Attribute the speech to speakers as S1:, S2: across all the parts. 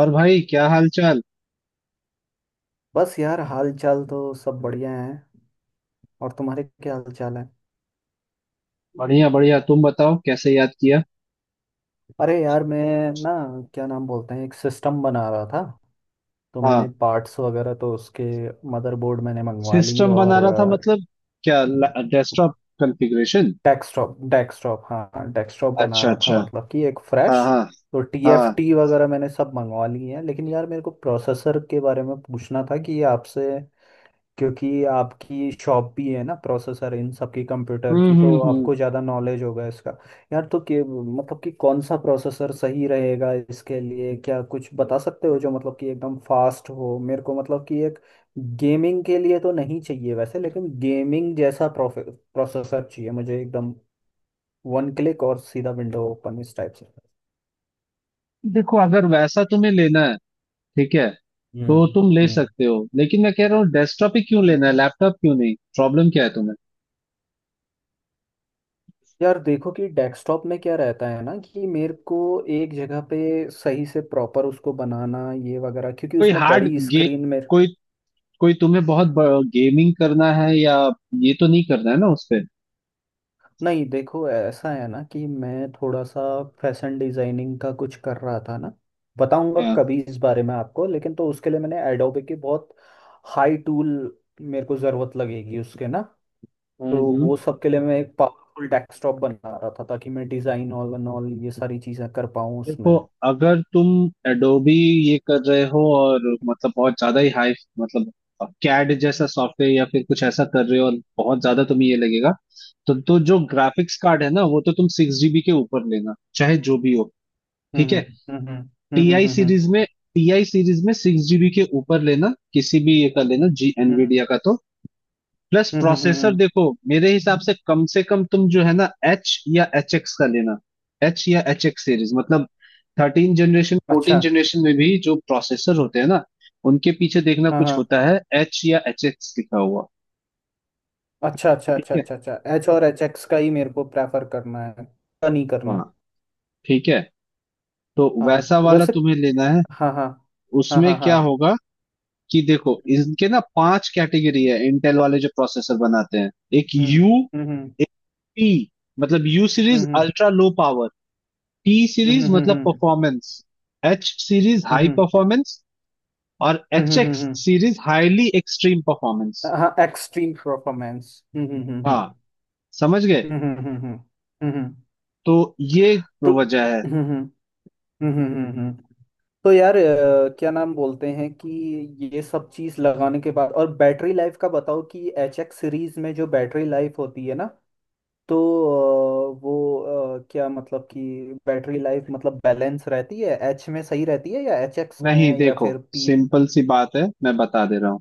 S1: और भाई क्या हाल चाल।
S2: बस यार, हाल चाल तो सब बढ़िया है। और तुम्हारे क्या हाल चाल है।
S1: बढ़िया बढ़िया, तुम बताओ कैसे याद किया।
S2: अरे यार, मैं ना क्या नाम बोलते हैं, एक सिस्टम बना रहा था। तो
S1: हाँ।
S2: मैंने पार्ट्स वगैरह तो उसके मदरबोर्ड मैंने मंगवा ली।
S1: सिस्टम
S2: और
S1: बना रहा था मतलब क्या? Desktop configuration?
S2: डेस्कटॉप, डेस्कटॉप हाँ, डेस्कटॉप बना
S1: अच्छा
S2: रहा
S1: अच्छा।
S2: था मतलब कि एक फ्रेश।
S1: हाँ हाँ।
S2: तो
S1: हाँ।
S2: टीएफटी वगैरह मैंने सब मंगवा ली है, लेकिन यार मेरे को प्रोसेसर के बारे में पूछना था कि आपसे। क्योंकि आपकी शॉप भी है ना प्रोसेसर इन सब की, कंप्यूटर की, तो
S1: हम्म।
S2: आपको ज़्यादा नॉलेज होगा इसका। यार तो कि मतलब कि कौन सा प्रोसेसर सही रहेगा इसके लिए, क्या कुछ बता सकते हो जो मतलब कि एकदम फास्ट हो। मेरे को मतलब कि एक गेमिंग के लिए तो नहीं चाहिए वैसे, लेकिन गेमिंग जैसा प्रोसेसर चाहिए मुझे, एकदम 1 क्लिक और सीधा विंडो ओपन इस टाइप से।
S1: देखो अगर वैसा तुम्हें लेना है, ठीक है, तो
S2: हम्म।
S1: तुम ले
S2: हम्म।
S1: सकते हो, लेकिन मैं कह रहा हूँ डेस्कटॉप ही क्यों लेना है? लैपटॉप क्यों नहीं? प्रॉब्लम क्या है तुम्हें?
S2: यार देखो कि डेस्कटॉप में क्या रहता है ना कि मेरे को एक जगह पे सही से प्रॉपर उसको बनाना ये वगैरह, क्योंकि
S1: कोई
S2: उसमें
S1: हार्ड
S2: बड़ी
S1: गे
S2: स्क्रीन में।
S1: कोई कोई तुम्हें बहुत गेमिंग करना है या ये तो नहीं करना है ना उस पे?
S2: नहीं देखो, ऐसा है ना कि मैं थोड़ा सा फैशन डिजाइनिंग का कुछ कर रहा था ना, बताऊंगा
S1: हाँ।
S2: कभी इस बारे में आपको, लेकिन तो उसके लिए मैंने एडोबे के बहुत हाई टूल मेरे को ज़रूरत लगेगी उसके ना।
S1: हम्म
S2: तो
S1: हम्म।
S2: वो सब के लिए मैं एक पावरफुल डेस्कटॉप बना रहा था, ताकि मैं डिज़ाइन ऑल एंड ऑल ये सारी चीज़ें कर पाऊँ
S1: देखो,
S2: उसमें।
S1: अगर तुम एडोबी ये कर रहे हो और मतलब बहुत ज्यादा ही हाई, मतलब कैड जैसा सॉफ्टवेयर या फिर कुछ ऐसा कर रहे हो और बहुत ज्यादा तुम्हें ये लगेगा, तो जो ग्राफिक्स कार्ड है ना वो तो तुम 6 जीबी के ऊपर लेना, चाहे जो भी हो। ठीक
S2: हम्म
S1: है,
S2: हम्म हम्म हम्म हम्म
S1: टीआई
S2: हम्म,
S1: सीरीज
S2: हम्म।
S1: में, 6 जीबी के ऊपर लेना, किसी भी ये कर लेना, जी
S2: हम्म
S1: एनवीडिया का तो। प्लस
S2: हम्म हम्म, हम्म,
S1: प्रोसेसर,
S2: हम्म,
S1: देखो मेरे हिसाब से कम तुम जो है ना एच या एच एक्स का लेना। एच या एच एक्स सीरीज मतलब थर्टीन जनरेशन फोर्टीन
S2: अच्छा।
S1: जनरेशन में भी जो प्रोसेसर होते हैं ना, उनके पीछे देखना
S2: हाँ
S1: कुछ
S2: हाँ।
S1: होता है एच या एच एक्स लिखा हुआ।
S2: अच्छा अच्छा
S1: ठीक
S2: अच्छा
S1: है।
S2: अच्छा अच्छा, एच और एच एक्स का ही मेरे को प्रेफर करना है, पता नहीं करना।
S1: हाँ। ठीक है। तो
S2: हाँ,
S1: वैसा वाला
S2: वैसे
S1: तुम्हें लेना है।
S2: हाँ हाँ। हाँ
S1: उसमें
S2: हाँ हाँ।
S1: क्या होगा कि देखो, इनके ना पांच कैटेगरी है, इंटेल वाले जो प्रोसेसर बनाते हैं। एक
S2: हम्म।
S1: यू,
S2: हम्म।
S1: एक पी, मतलब यू सीरीज
S2: हम्म
S1: ultra low power, T series
S2: हम्म।
S1: मतलब परफॉर्मेंस, एच सीरीज
S2: हम्म।
S1: हाई परफॉर्मेंस, और एच
S2: हम्म,
S1: एक्स
S2: हम्म।
S1: Series highly extreme performance.
S2: हम्म। हाँ, एक्सट्रीम परफॉर्मेंस।
S1: हाँ, समझ गए?
S2: हम्म।
S1: तो ये
S2: तो
S1: वजह है।
S2: हम्म। हम्म हम्म, हम्म, हम्म, हम्म। तो यार क्या नाम बोलते हैं कि ये सब चीज़ लगाने के बाद, और बैटरी लाइफ का बताओ कि एच एक्स सीरीज में जो बैटरी लाइफ होती है ना, तो वो क्या मतलब कि बैटरी लाइफ मतलब बैलेंस रहती है एच में सही रहती है, या एच एक्स में
S1: नहीं
S2: या
S1: देखो,
S2: फिर पी में।
S1: सिंपल सी बात है, मैं बता दे रहा हूँ।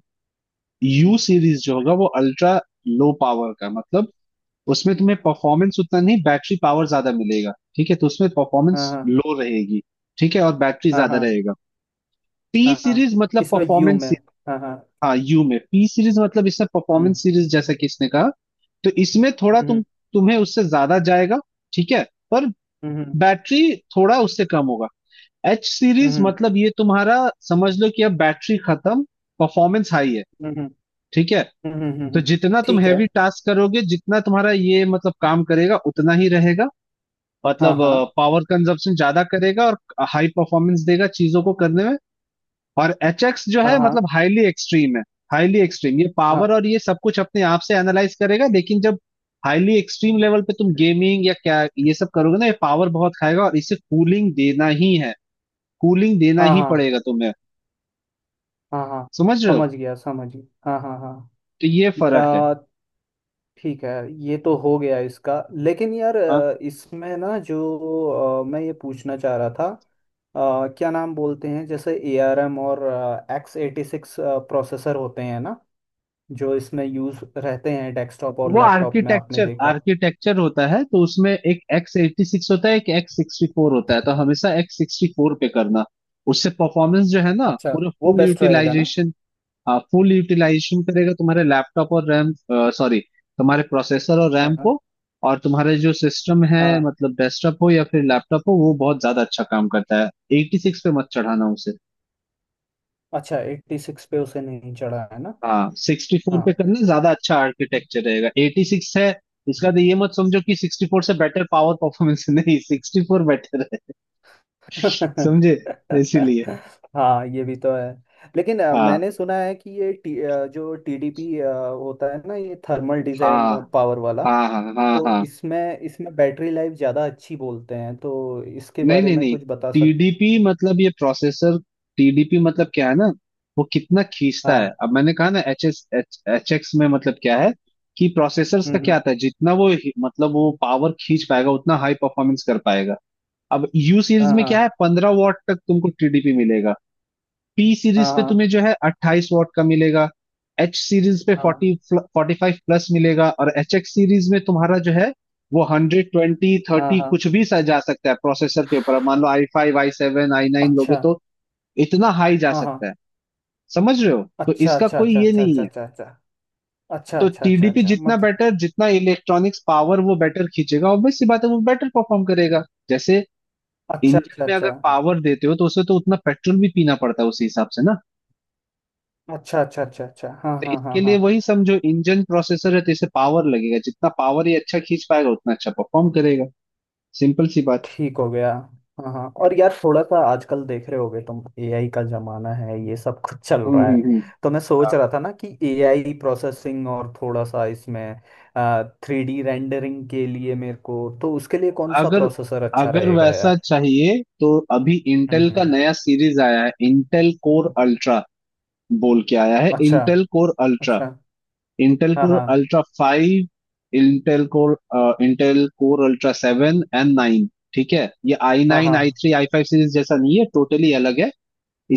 S1: यू
S2: हम्म,
S1: सीरीज जो होगा वो अल्ट्रा लो पावर का, मतलब उसमें तुम्हें परफॉर्मेंस उतना नहीं, बैटरी पावर ज्यादा मिलेगा। ठीक है, तो उसमें
S2: हाँ
S1: परफॉर्मेंस
S2: हाँ।
S1: लो रहेगी। ठीक है, और बैटरी
S2: हाँ
S1: ज्यादा
S2: हाँ।
S1: रहेगा। टी
S2: हाँ हाँ।
S1: सीरीज मतलब
S2: किसमें, यू
S1: परफॉर्मेंस।
S2: में। हाँ हाँ।
S1: हाँ, यू में। पी सीरीज मतलब इसमें
S2: हम्म।
S1: परफॉर्मेंस सीरीज, जैसा कि इसने कहा, तो इसमें थोड़ा
S2: हम्म।
S1: तुम्हें उससे ज्यादा जाएगा, ठीक है, पर
S2: हम्म हम्म
S1: बैटरी थोड़ा उससे कम होगा। एच सीरीज
S2: हम्म
S1: मतलब ये तुम्हारा समझ लो कि अब बैटरी खत्म, परफॉर्मेंस हाई है।
S2: हम्म।
S1: ठीक है,
S2: हम्म, हम्म, हम्म,
S1: तो
S2: हम्म।
S1: जितना तुम
S2: ठीक है।
S1: हैवी टास्क करोगे, जितना तुम्हारा ये मतलब काम करेगा उतना ही रहेगा।
S2: हाँ
S1: मतलब
S2: हाँ।
S1: पावर कंजप्शन ज्यादा करेगा और हाई परफॉर्मेंस देगा चीजों को करने में। और एच एक्स जो
S2: हाँ
S1: है
S2: हाँ।
S1: मतलब हाईली एक्सट्रीम है। हाईली एक्सट्रीम ये
S2: हाँ
S1: पावर और ये सब कुछ अपने आप से एनालाइज करेगा, लेकिन जब हाईली एक्सट्रीम लेवल पे तुम गेमिंग या क्या ये सब करोगे ना, ये पावर बहुत खाएगा और इसे कूलिंग देना ही है। कूलिंग देना
S2: हाँ।
S1: ही
S2: हाँ
S1: पड़ेगा तुम्हें।
S2: हाँ हाँ।
S1: समझ रहे हो?
S2: समझ गया, समझ गया, हाँ हाँ हाँ।
S1: तो ये फर्क है।
S2: अ, ठीक है। ये तो हो गया इसका, लेकिन यार
S1: हाँ।
S2: इसमें ना जो मैं ये पूछना चाह रहा था क्या नाम बोलते हैं, जैसे ARM और x86 प्रोसेसर होते हैं ना, जो इसमें यूज़ रहते हैं, डेस्कटॉप और
S1: वो
S2: लैपटॉप में आपने
S1: आर्किटेक्चर
S2: देखा।
S1: आर्किटेक्चर होता है, तो उसमें एक एक्स एटी सिक्स होता है, एक एक्स सिक्सटी फोर होता है। तो हमेशा एक्स सिक्सटी फोर पे करना, उससे परफॉर्मेंस जो है ना
S2: अच्छा,
S1: पूरा,
S2: वो
S1: फुल
S2: बेस्ट रहेगा ना।
S1: यूटिलाइजेशन। हाँ, फुल यूटिलाइजेशन करेगा तुम्हारे लैपटॉप और रैम, सॉरी, तुम्हारे प्रोसेसर और रैम
S2: हाँ
S1: को। और तुम्हारे जो सिस्टम है
S2: हाँ।
S1: मतलब डेस्कटॉप हो या फिर लैपटॉप हो, वो बहुत ज्यादा अच्छा काम करता है। x86 पे मत चढ़ाना उसे।
S2: अच्छा, 86 पे उसे नहीं चढ़ा है ना।
S1: हाँ, x64
S2: हाँ।
S1: पे करना ज्यादा अच्छा आर्किटेक्चर रहेगा। x86 है इसका, तो ये मत समझो कि x64 से बेटर पावर परफॉर्मेंस। नहीं, x64 बेटर है। समझे? इसीलिए।
S2: हाँ, ये भी तो है। लेकिन
S1: हाँ
S2: मैंने सुना है कि ये जो टीडीपी होता है ना, ये थर्मल डिजाइन
S1: हाँ
S2: पावर वाला,
S1: हाँ हाँ हाँ
S2: तो
S1: हाँ।
S2: इसमें इसमें बैटरी लाइफ ज़्यादा अच्छी बोलते हैं, तो इसके
S1: नहीं
S2: बारे
S1: नहीं
S2: में
S1: नहीं,
S2: कुछ बता सक।
S1: टीडीपी मतलब ये प्रोसेसर, टीडीपी मतलब क्या है ना, वो कितना खींचता है।
S2: हाँ।
S1: अब मैंने कहा ना एच एस एच एक्स में मतलब क्या है कि प्रोसेसर्स
S2: हम्म
S1: का क्या
S2: हम्म,
S1: आता है, जितना वो मतलब वो पावर खींच पाएगा उतना हाई परफॉर्मेंस कर पाएगा। अब यू सीरीज
S2: हाँ
S1: में
S2: हाँ।
S1: क्या है, 15 वॉट तक तुमको टीडीपी मिलेगा। पी सीरीज
S2: हाँ
S1: पे
S2: हाँ।
S1: तुम्हें जो है 28 वॉट का मिलेगा। एच सीरीज पे
S2: हाँ
S1: 40 45 प्लस मिलेगा, और एच एक्स सीरीज में तुम्हारा जो है वो 120
S2: हाँ।
S1: 30
S2: हाँ
S1: कुछ भी सा जा सकता है प्रोसेसर के ऊपर। मान लो I five I seven I nine लोगे
S2: अच्छा।
S1: तो इतना हाई जा
S2: हाँ हाँ।
S1: सकता है। समझ रहे हो? तो
S2: अच्छा
S1: इसका
S2: अच्छा
S1: कोई
S2: अच्छा
S1: ये
S2: अच्छा
S1: नहीं
S2: अच्छा।
S1: है।
S2: अच्छा अच्छा
S1: तो
S2: अच्छा अच्छा अच्छा
S1: टीडीपी
S2: अच्छा
S1: जितना
S2: मतलब,
S1: बेटर, जितना इलेक्ट्रॉनिक्स पावर वो बेटर खींचेगा, ऑब्वियस सी बात है, वो बेटर परफॉर्म करेगा। जैसे
S2: अच्छा
S1: इंजन
S2: अच्छा
S1: में
S2: अच्छा।
S1: अगर पावर देते हो तो उसे तो उतना पेट्रोल भी पीना पड़ता है, उसी हिसाब से ना।
S2: अच्छा अच्छा अच्छा अच्छा। हाँ
S1: तो
S2: हाँ हाँ
S1: इसके
S2: हाँ।
S1: लिए वही समझो, इंजन प्रोसेसर है, तो इसे पावर लगेगा, जितना पावर ये अच्छा खींच पाएगा उतना अच्छा परफॉर्म करेगा। सिंपल सी बात।
S2: ठीक हो गया। हाँ हाँ, और यार थोड़ा सा आजकल देख रहे होगे तुम एआई का जमाना है, ये सब कुछ चल रहा है।
S1: हम्म।
S2: तो मैं सोच
S1: हाँ।
S2: रहा था ना कि एआई प्रोसेसिंग और थोड़ा सा इसमें 3D रेंडरिंग के लिए मेरे को, तो उसके लिए कौन सा
S1: अगर
S2: प्रोसेसर अच्छा
S1: अगर
S2: रहेगा
S1: वैसा
S2: यार।
S1: चाहिए तो अभी इंटेल का
S2: हम्म।
S1: नया सीरीज आया है, इंटेल कोर अल्ट्रा बोल के आया है।
S2: अच्छा।
S1: इंटेल कोर अल्ट्रा,
S2: अच्छा।
S1: इंटेल
S2: हाँ
S1: कोर
S2: हाँ।
S1: Ultra five, Intel core Intel core ultra seven and nine. ठीक है, ये आई
S2: हाँ
S1: नाइन
S2: हाँ
S1: I three I five series जैसा नहीं है, टोटली अलग है।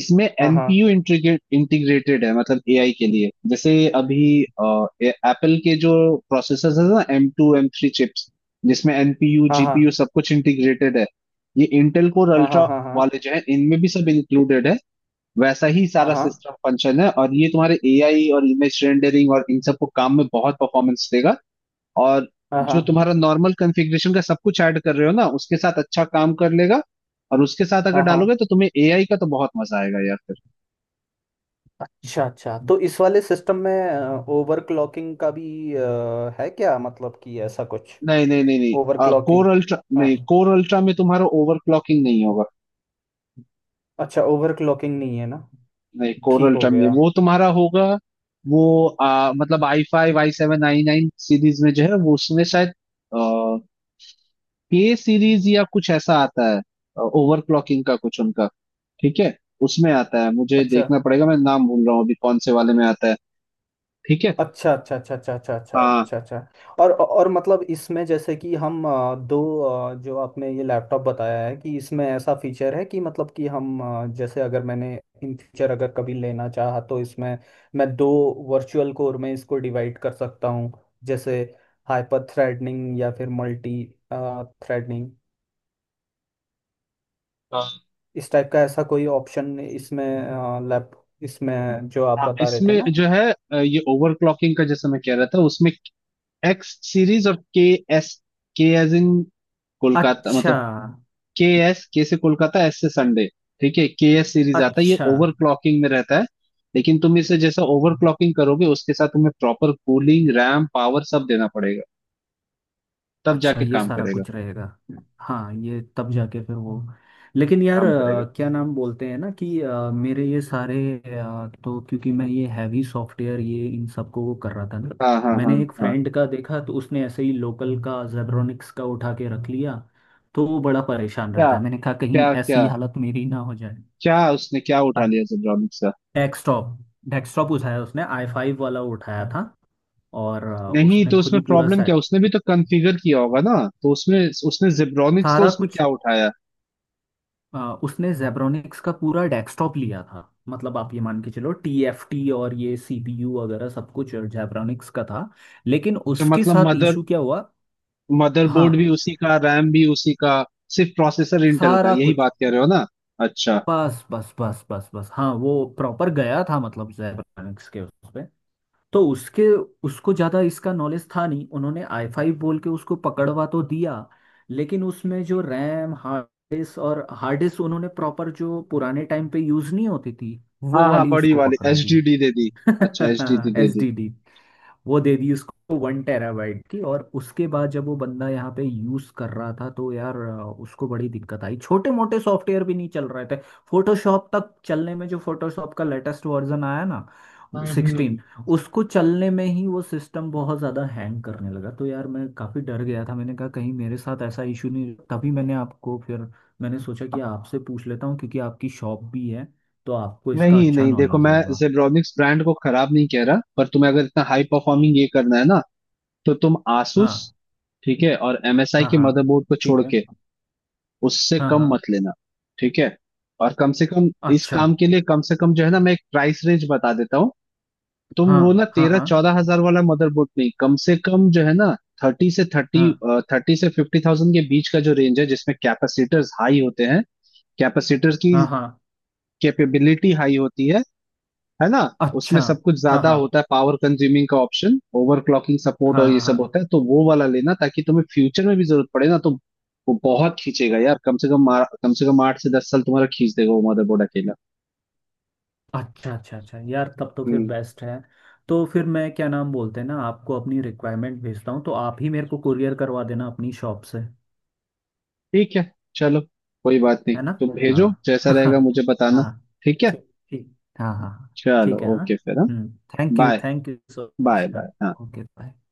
S1: इसमें
S2: हाँ
S1: एनपीयू इंटीग्रेटेड है, मतलब एआई के लिए। जैसे अभी एप्पल के जो प्रोसेसर है ना M two M three chips, जिसमें एनपीयू
S2: हाँ
S1: जीपीयू सब कुछ इंटीग्रेटेड है, ये इंटेल कोर
S2: हाँ। हाँ। हाँ
S1: अल्ट्रा
S2: हाँ हाँ
S1: वाले जो है इनमें भी सब इंक्लूडेड है। वैसा ही
S2: हाँ
S1: सारा
S2: हाँ।
S1: सिस्टम फंक्शन है, और ये तुम्हारे एआई और इमेज रेंडरिंग और इन सब को काम में बहुत परफॉर्मेंस देगा। और
S2: हाँ
S1: जो
S2: हाँ।
S1: तुम्हारा नॉर्मल कॉन्फ़िगरेशन का सब कुछ ऐड कर रहे हो ना, उसके साथ अच्छा काम कर लेगा, और उसके साथ अगर
S2: हाँ हाँ।
S1: डालोगे तो तुम्हें एआई का तो बहुत मजा आएगा यार।
S2: अच्छा अच्छा, तो इस वाले सिस्टम में ओवरक्लॉकिंग का भी है क्या, मतलब कि ऐसा कुछ
S1: नहीं नहीं नहीं नहीं,
S2: ओवरक्लॉकिंग।
S1: कोर अल्ट्रा
S2: हाँ।
S1: नहीं, कोर अल्ट्रा में तुम्हारा ओवरक्लॉकिंग नहीं होगा।
S2: अच्छा, ओवरक्लॉकिंग नहीं है ना।
S1: नहीं, कोर
S2: ठीक हो
S1: अल्ट्रा में नहीं,
S2: गया।
S1: वो तुम्हारा होगा। वो मतलब I five I seven I nine series में जो है, वो उसमें शायद के सीरीज या कुछ ऐसा आता है, ओवरक्लॉकिंग का कुछ उनका। ठीक है, उसमें आता है, मुझे
S2: अच्छा
S1: देखना पड़ेगा, मैं नाम भूल रहा हूँ अभी कौन से वाले में आता है। ठीक है।
S2: अच्छा अच्छा अच्छा अच्छा अच्छा अच्छा
S1: हाँ
S2: अच्छा अच्छा। और मतलब इसमें जैसे कि हम दो जो आपने ये लैपटॉप बताया है कि इसमें ऐसा फीचर है कि मतलब कि हम जैसे अगर मैंने इन फ्यूचर अगर कभी लेना चाहा तो इसमें मैं दो वर्चुअल कोर में इसको डिवाइड कर सकता हूँ, जैसे हाइपर थ्रेडनिंग या फिर मल्टी थ्रेडनिंग
S1: हाँ
S2: इस टाइप का ऐसा कोई ऑप्शन इसमें लैप, इसमें जो आप
S1: हाँ,
S2: बता रहे थे
S1: इसमें
S2: ना।
S1: जो है ये ओवरक्लॉकिंग का जैसे मैं कह रहा था, उसमें एक्स सीरीज और K S, K as in Kolkata
S2: अच्छा
S1: मतलब, के एस, के से कोलकाता, एस से संडे। ठीक है, के एस सीरीज आता है, ये
S2: अच्छा
S1: ओवर क्लॉकिंग में रहता है, लेकिन तुम इसे जैसा ओवर क्लॉकिंग करोगे उसके साथ तुम्हें प्रॉपर कूलिंग रैम पावर सब देना पड़ेगा तब
S2: अच्छा,
S1: जाके
S2: ये
S1: काम
S2: सारा
S1: करेगा।
S2: कुछ रहेगा। हाँ, ये तब जाके फिर वो। लेकिन यार
S1: काम करेगा।
S2: क्या नाम बोलते हैं ना कि मेरे ये सारे तो क्योंकि मैं ये हैवी सॉफ्टवेयर ये इन सबको वो कर रहा था ना,
S1: हाँ हाँ हाँ
S2: मैंने एक
S1: हाँ।
S2: फ्रेंड का देखा तो उसने ऐसे ही लोकल का जेब्रोनिक्स का उठा के रख लिया। तो वो बड़ा परेशान
S1: क्या?
S2: रहता है, मैंने कहा कहीं
S1: क्या क्या
S2: ऐसी हालत मेरी ना हो जाए।
S1: क्या उसने क्या उठा लिया जेब्रॉनिक्स का?
S2: डेस्कटॉप, डेस्कटॉप उठाया उसने, i5 वाला उठाया था। और
S1: नहीं,
S2: उसने
S1: तो
S2: खुद
S1: उसमें
S2: ही पूरा
S1: प्रॉब्लम क्या,
S2: सेट,
S1: उसने भी तो कॉन्फ़िगर किया होगा ना, तो उसमें उसने जेब्रॉनिक्स का
S2: सारा
S1: उसमें
S2: कुछ।
S1: क्या उठाया?
S2: उसने जेब्रोनिक्स का पूरा डेस्कटॉप लिया था, मतलब आप ये मान के चलो टीएफटी और ये सीपीयू वगैरह सब कुछ जेब्रोनिक्स का था। लेकिन
S1: तो
S2: उसके
S1: मतलब
S2: साथ इशू क्या हुआ,
S1: मदरबोर्ड
S2: हाँ,
S1: भी उसी का, रैम भी उसी का, सिर्फ प्रोसेसर इंटेल का,
S2: सारा
S1: यही
S2: कुछ।
S1: बात कह रहे हो ना? अच्छा।
S2: बस बस बस बस बस, हाँ वो प्रॉपर गया था मतलब जेब्रोनिक्स के उस पे। तो उसके, उसको ज़्यादा इसका नॉलेज था नहीं, उन्होंने i5 बोल के उसको पकड़वा तो दिया। लेकिन उसमें जो रैम, हार्ड डिस्क, और हार्ड डिस्क उन्होंने प्रॉपर जो पुराने टाइम पे यूज़ नहीं होती थी वो
S1: हाँ हाँ,
S2: वाली
S1: बड़ी
S2: उसको
S1: वाली
S2: पकड़ा
S1: एच
S2: दी।
S1: डी डी दे दी। अच्छा, एच डी डी दे
S2: एस
S1: दी।
S2: डी डी वो दे दी उसको, 1 टेराबाइट की। और उसके बाद जब वो बंदा यहाँ पे यूज कर रहा था तो यार उसको बड़ी दिक्कत आई, छोटे मोटे सॉफ्टवेयर भी नहीं चल रहे थे। फोटोशॉप तक चलने में, जो फोटोशॉप का लेटेस्ट वर्जन आया ना,
S1: हम्म।
S2: 16, उसको चलने में ही वो सिस्टम बहुत ज़्यादा हैंग करने लगा। तो यार मैं काफ़ी डर गया था, मैंने कहा कहीं मेरे साथ ऐसा इशू नहीं, तभी मैंने आपको फिर, मैंने सोचा कि आपसे पूछ लेता हूँ, क्योंकि आपकी शॉप भी है तो आपको इसका
S1: नहीं
S2: अच्छा
S1: नहीं, देखो,
S2: नॉलेज
S1: मैं
S2: होगा।
S1: जेब्रॉनिक्स ब्रांड को खराब नहीं कह रहा, पर तुम्हें अगर इतना हाई परफॉर्मिंग ये करना है ना, तो तुम आसूस,
S2: हाँ
S1: ठीक है, और एमएसआई
S2: हाँ
S1: के
S2: हाँ।
S1: मदरबोर्ड को
S2: ठीक
S1: छोड़
S2: है।
S1: के उससे
S2: हाँ
S1: कम
S2: हाँ।
S1: मत लेना। ठीक है। और कम से कम इस
S2: अच्छा।
S1: काम के लिए, कम से कम जो है ना, मैं एक प्राइस रेंज बता देता हूँ। तुम
S2: हाँ
S1: वो ना
S2: हाँ
S1: तेरह
S2: हाँ
S1: चौदह हजार वाला मदरबोर्ड नहीं, कम से कम जो है ना थर्टी से थर्टी
S2: हाँ।
S1: थर्टी से फिफ्टी थाउजेंड के बीच का जो रेंज है, जिसमें कैपेसिटर्स हाई होते हैं, कैपेसिटर्स की
S2: हाँ हाँ।
S1: कैपेबिलिटी हाई होती है ना। उसमें
S2: अच्छा।
S1: सब कुछ
S2: हाँ
S1: ज्यादा
S2: हाँ।
S1: होता है, पावर कंज्यूमिंग का ऑप्शन, ओवरक्लॉकिंग सपोर्ट
S2: हाँ
S1: और ये
S2: हाँ
S1: सब
S2: हाँ।
S1: होता है। तो वो वाला लेना ताकि तुम्हें फ्यूचर में भी जरूरत पड़े ना तो वो बहुत खींचेगा यार, कम से कम कम से कम 8 से 10 साल तुम्हारा खींच देगा वो मदरबोर्ड अकेला।
S2: अच्छा अच्छा अच्छा, यार तब तो फिर बेस्ट है। तो फिर मैं क्या नाम बोलते हैं ना आपको अपनी रिक्वायरमेंट भेजता हूँ, तो आप ही मेरे को कुरियर करवा देना अपनी शॉप से,
S1: ठीक है, चलो, कोई बात नहीं,
S2: है ना।
S1: तुम
S2: हाँ।
S1: भेजो जैसा
S2: हाँ
S1: रहेगा मुझे बताना।
S2: हाँ।
S1: ठीक है,
S2: ठीक ठीक हाँ हाँ हाँ,
S1: चलो,
S2: ठीक है हाँ।
S1: ओके फिर, हाँ।
S2: हम्म। Thank you,
S1: bye.
S2: Thank you so
S1: bye
S2: much, हाँ।
S1: बाय, हाँ।
S2: Okay, bye.